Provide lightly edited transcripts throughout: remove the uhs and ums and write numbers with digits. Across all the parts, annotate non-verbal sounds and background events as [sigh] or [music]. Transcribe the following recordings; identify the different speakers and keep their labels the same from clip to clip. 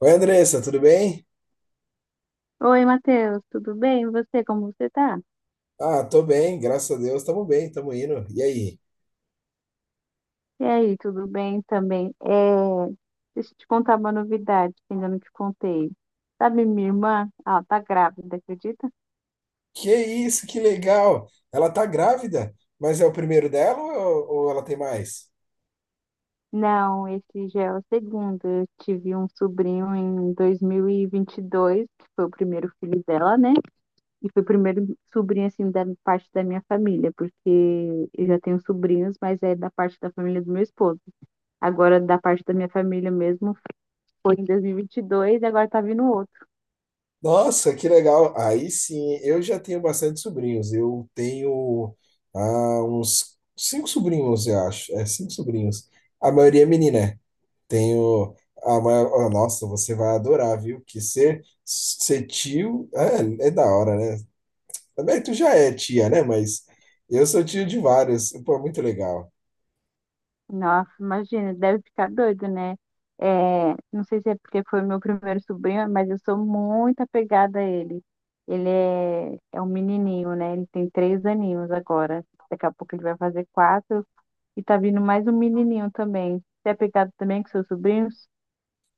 Speaker 1: Oi, Andressa, tudo bem?
Speaker 2: Oi, Matheus, tudo bem? E você, como você tá?
Speaker 1: Ah, tô bem, graças a Deus, tamo bem, tamo indo. E aí?
Speaker 2: E aí, tudo bem também? É, deixa eu te contar uma novidade que ainda não te contei. Sabe, minha irmã, ela tá grávida, acredita?
Speaker 1: Que isso, que legal! Ela tá grávida, mas é o primeiro dela ou ela tem mais?
Speaker 2: Não, esse já é o segundo. Eu tive um sobrinho em 2022, que foi o primeiro filho dela, né? E foi o primeiro sobrinho, assim, da parte da minha família, porque eu já tenho sobrinhos, mas é da parte da família do meu esposo. Agora, da parte da minha família mesmo, foi em 2022 e 22 e agora tá vindo outro.
Speaker 1: Nossa, que legal! Aí sim, eu já tenho bastante sobrinhos. Eu tenho uns cinco sobrinhos, eu acho. É, cinco sobrinhos. A maioria é menina, né? Tenho oh, nossa, você vai adorar, viu? Que ser tio é da hora, né? Também tu já é tia, né? Mas eu sou tio de vários. Pô, é muito legal.
Speaker 2: Nossa, imagina, deve ficar doido, né? É, não sei se é porque foi meu primeiro sobrinho, mas eu sou muito apegada a ele. Ele é um menininho, né? Ele tem 3 aninhos agora. Daqui a pouco ele vai fazer quatro e tá vindo mais um menininho também. Você é apegado também com seus sobrinhos?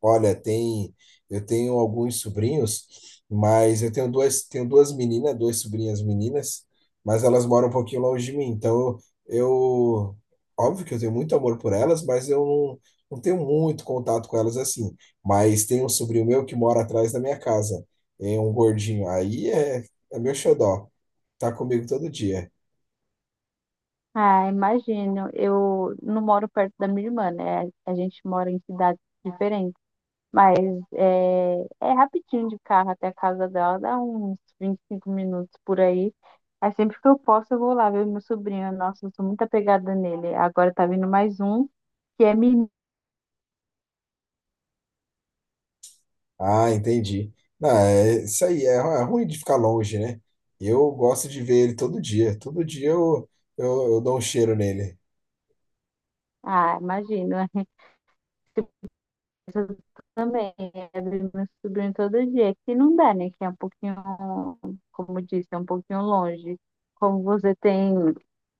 Speaker 1: Olha, eu tenho alguns sobrinhos, mas eu tenho duas meninas, duas sobrinhas meninas, mas elas moram um pouquinho longe de mim. Então, eu, óbvio que eu tenho muito amor por elas, mas eu não tenho muito contato com elas assim. Mas tem um sobrinho meu que mora atrás da minha casa, é um gordinho. Aí é meu xodó. Tá comigo todo dia.
Speaker 2: Ah, imagino. Eu não moro perto da minha irmã, né? A gente mora em cidades diferentes. Mas é, é rapidinho de carro até a casa dela, dá uns 25 minutos por aí. Aí sempre que eu posso, eu vou lá ver meu sobrinho. Nossa, eu sou muito apegada nele. Agora tá vindo mais um, que é menino.
Speaker 1: Ah, entendi. Não, é isso aí, é ruim de ficar longe, né? Eu gosto de ver ele todo dia. Todo dia eu dou um cheiro nele.
Speaker 2: Ah, imagina, eu também. Eu vejo meu sobrinho todo dia, que não dá, né? Que é um pouquinho, como eu disse, é um pouquinho longe. Como você tem,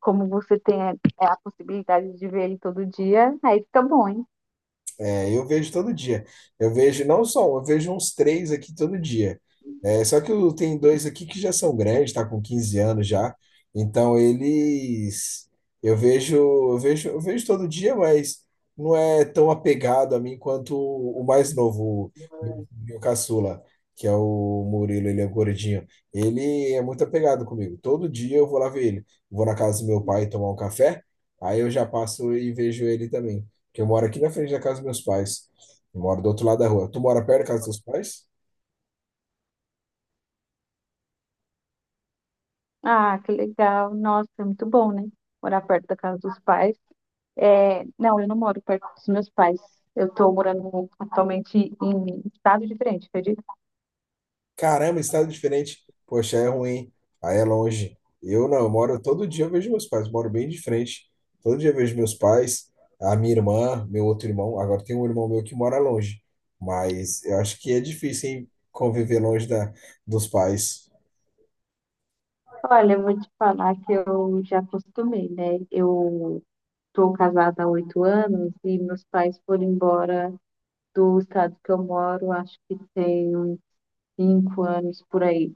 Speaker 2: como você tem a possibilidade de ver ele todo dia, aí fica bom, hein?
Speaker 1: É, eu vejo todo dia. Eu vejo não só um, eu vejo uns três aqui todo dia. É, só que eu tenho dois aqui que já são grandes, tá com 15 anos já. Então eles eu vejo todo dia, mas não é tão apegado a mim quanto o mais novo, o meu caçula, que é o Murilo, ele é gordinho. Ele é muito apegado comigo. Todo dia eu vou lá ver ele. Vou na casa do meu pai tomar um café, aí eu já passo e vejo ele também. Porque eu moro aqui na frente da casa dos meus pais. Eu moro do outro lado da rua. Tu mora perto da casa dos teus pais?
Speaker 2: Ah, que legal. Nossa, é muito bom, né? Morar perto da casa dos pais. É, não, eu não moro perto dos meus pais. Eu estou morando atualmente em estado diferente, acredito.
Speaker 1: Caramba, estado diferente. Poxa, é ruim. Aí é longe. Eu não, eu moro todo dia, eu vejo meus pais. Moro bem de frente. Todo dia eu vejo meus pais, a minha irmã, meu outro irmão. Agora tem um irmão meu que mora longe. Mas eu acho que é difícil, hein, conviver longe dos pais.
Speaker 2: Olha, eu vou te falar que eu já acostumei, né? Eu estou casada há 8 anos e meus pais foram embora do estado que eu moro, acho que tem uns 5 anos por aí.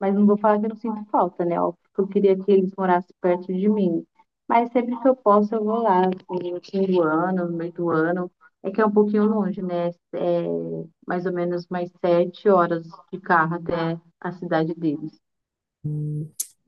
Speaker 2: Mas não vou falar que eu não sinto falta, né? Óbvio que eu queria que eles morassem perto de mim. Mas sempre que eu posso, eu vou lá, assim, no fim do ano, no meio do ano. É que é um pouquinho longe, né? É mais ou menos mais 7 horas de carro até a cidade deles.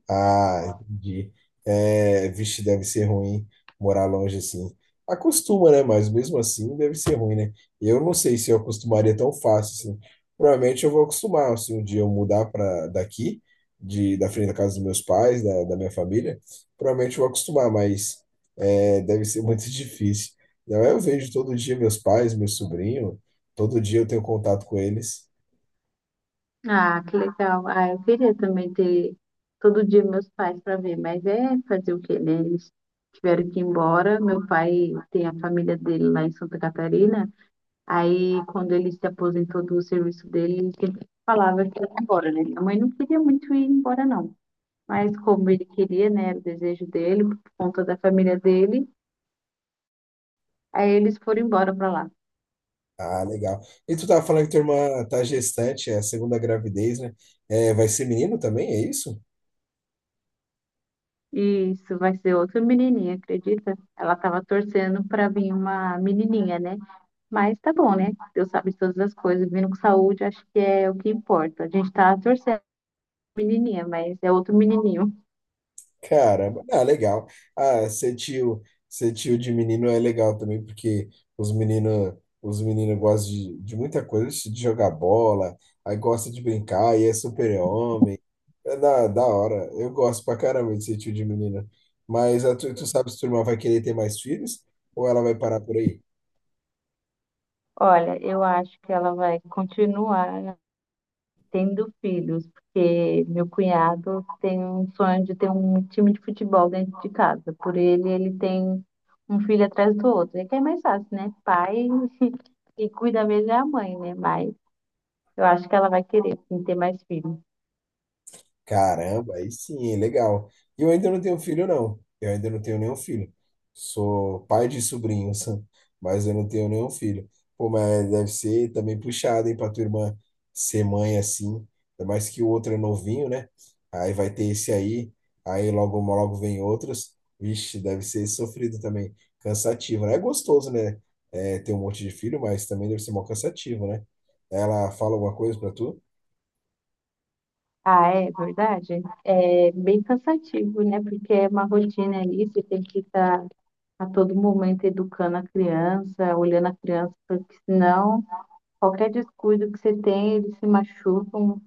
Speaker 1: Ah, entendi. É, vixe, deve ser ruim morar longe assim. Acostuma, né? Mas mesmo assim deve ser ruim, né? Eu não sei se eu acostumaria tão fácil assim. Provavelmente eu vou acostumar, se um dia eu mudar para daqui, da frente da casa dos meus pais, da minha família, provavelmente eu vou acostumar, mas deve ser muito [laughs] difícil. Não, eu vejo todo dia meus pais, meu sobrinho, todo dia eu tenho contato com eles.
Speaker 2: Ah, que legal. Ah, eu queria também ter todo dia meus pais para ver, mas é fazer o quê, né? Eles tiveram que ir embora. Meu pai tem a família dele lá em Santa Catarina. Aí, quando ele se aposentou do serviço dele, ele falava é que ia embora, né? Minha mãe não queria muito ir embora, não. Mas como ele queria, né? Era o desejo dele, por conta da família dele, aí eles foram embora para lá.
Speaker 1: Ah, legal. E tu tava falando que tua irmã tá gestante, é a segunda gravidez, né? É, vai ser menino também, é isso?
Speaker 2: E isso vai ser outra menininha, acredita? Ela tava torcendo para vir uma menininha, né? Mas tá bom, né? Deus sabe de todas as coisas, vindo com saúde, acho que é o que importa. A gente tá torcendo pra menininha, mas é outro menininho.
Speaker 1: Caramba, ah, legal. Ah, ser tio, de menino é legal também, porque os meninos, os meninos gostam de muita coisa, de jogar bola, aí gosta de brincar, e é super-homem. É da hora. Eu gosto pra caramba de ser tio de menina. Mas tu sabe se tua irmã vai querer ter mais filhos ou ela vai parar por aí?
Speaker 2: Olha, eu acho que ela vai continuar tendo filhos, porque meu cunhado tem um sonho de ter um time de futebol dentro de casa. Por ele, ele tem um filho atrás do outro. É que é mais fácil, né? Pai e cuida mesmo é a mãe, né? Mas eu acho que ela vai querer sim, ter mais filhos.
Speaker 1: Caramba, aí sim, hein, legal. E eu ainda não tenho filho, não. Eu ainda não tenho nenhum filho. Sou pai de sobrinhos, [laughs] mas eu não tenho nenhum filho. Pô, mas deve ser também puxado, hein, pra tua irmã ser mãe assim. Ainda mais que o outro é novinho, né? Aí vai ter esse aí, aí logo, logo vem outros. Vixe, deve ser sofrido também. Cansativo, né? É gostoso, né? É, ter um monte de filho, mas também deve ser mó cansativo, né? Ela fala alguma coisa pra tu?
Speaker 2: Ah, é verdade? É bem cansativo, né? Porque é uma rotina ali, você tem que estar a todo momento educando a criança, olhando a criança, porque senão qualquer descuido que você tem, eles se machucam.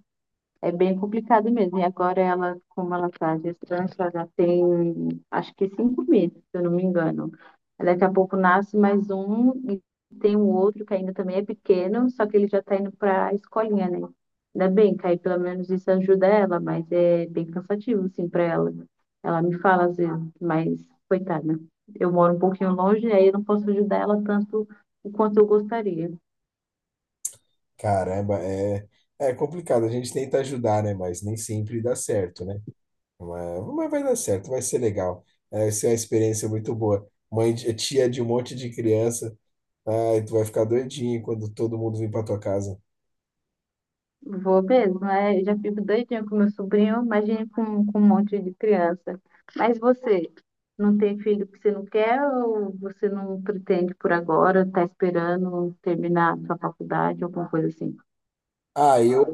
Speaker 2: É bem complicado mesmo. E agora ela, como ela está gestante, ela já tem acho que 5 meses, se eu não me engano. Aí daqui a pouco nasce mais um e tem um outro que ainda também é pequeno, só que ele já está indo para a escolinha, né? Ainda bem que aí pelo menos isso ajuda ela, mas é bem cansativo, assim, para ela. Ela me fala às vezes, mas coitada, eu moro um pouquinho longe, aí eu não posso ajudar ela tanto o quanto eu gostaria.
Speaker 1: Caramba, é complicado. A gente tenta ajudar, né? Mas nem sempre dá certo, né? Mas vai dar certo, vai ser legal. É, vai ser uma experiência muito boa. Mãe, tia de um monte de criança. Ai, tu vai ficar doidinho quando todo mundo vir para tua casa.
Speaker 2: Vou mesmo, é, eu já fico doidinha com meu sobrinho, imagine com um monte de criança. Mas você, não tem filho que você não quer ou você não pretende por agora, tá esperando terminar sua faculdade, alguma coisa assim?
Speaker 1: Ah, eu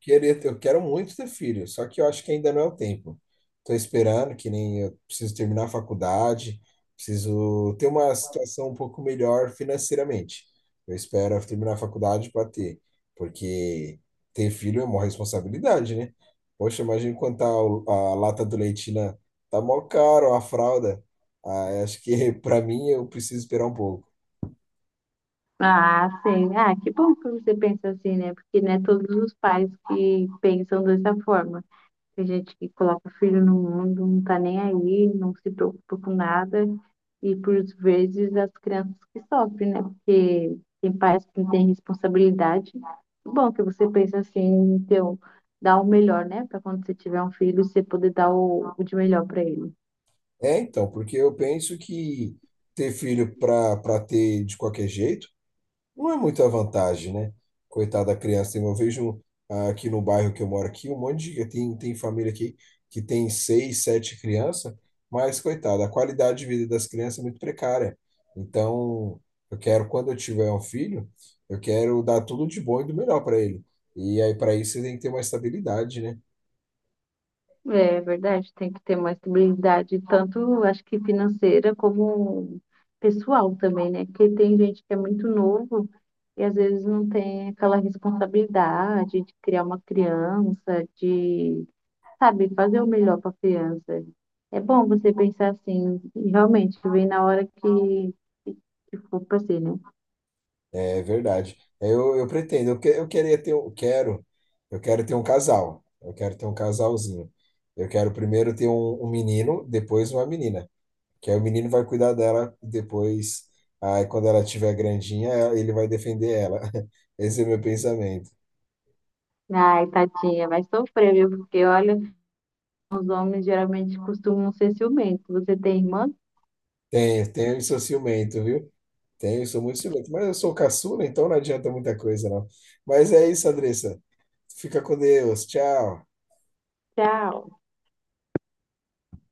Speaker 1: queria ter- eu quero muito ter filho, só que eu acho que ainda não é o tempo. Estou esperando, que nem eu preciso terminar a faculdade, preciso ter uma situação um pouco melhor financeiramente. Eu espero terminar a faculdade para ter, porque ter filho é uma responsabilidade, né? Poxa, imagina quanto tá a lata do leite, né? Tá mó caro a fralda. Ah, acho que [laughs] para mim eu preciso esperar um pouco.
Speaker 2: Ah, sim. Ah, que bom que você pensa assim, né? Porque não é todos os pais que pensam dessa forma. Tem gente que coloca filho no mundo, não tá nem aí, não se preocupa com nada. E por vezes as crianças que sofrem, né? Porque tem pais que não têm responsabilidade. Bom, é que você pensa assim, então, dar o melhor, né? Para quando você tiver um filho, você poder dar o de melhor para ele.
Speaker 1: É, então, porque eu penso que ter filho para ter de qualquer jeito não é muita vantagem, né? Coitada da criança. Eu vejo aqui no bairro que eu moro aqui, um monte de tem família aqui que tem seis, sete crianças, mas coitada, a qualidade de vida das crianças é muito precária. Então, quando eu tiver um filho, eu quero dar tudo de bom e do melhor para ele. E aí, para isso, você tem que ter uma estabilidade, né?
Speaker 2: É verdade, tem que ter uma estabilidade, tanto acho que financeira como pessoal também, né? Porque tem gente que é muito novo e às vezes não tem aquela responsabilidade de criar uma criança, de, sabe, fazer o melhor para a criança. É bom você pensar assim, e realmente, vem na hora que, que que for para ser, né?
Speaker 1: É verdade. É, eu pretendo, eu quero ter um casal. Eu quero ter um casalzinho. Eu quero primeiro ter um menino, depois uma menina. Que aí o menino vai cuidar dela, depois, aí quando ela estiver grandinha, ele vai defender ela. [laughs] Esse é o meu pensamento.
Speaker 2: Ai, tadinha, vai sofrer, viu? Porque olha, os homens geralmente costumam ser ciumentos. Você tem irmã?
Speaker 1: Tenho, tenho e sou ciumento, viu? Tenho, sou muito ciumento. Mas eu sou caçula, então não adianta muita coisa, não. Mas é isso, Andressa. Fica com Deus. Tchau.
Speaker 2: Tchau.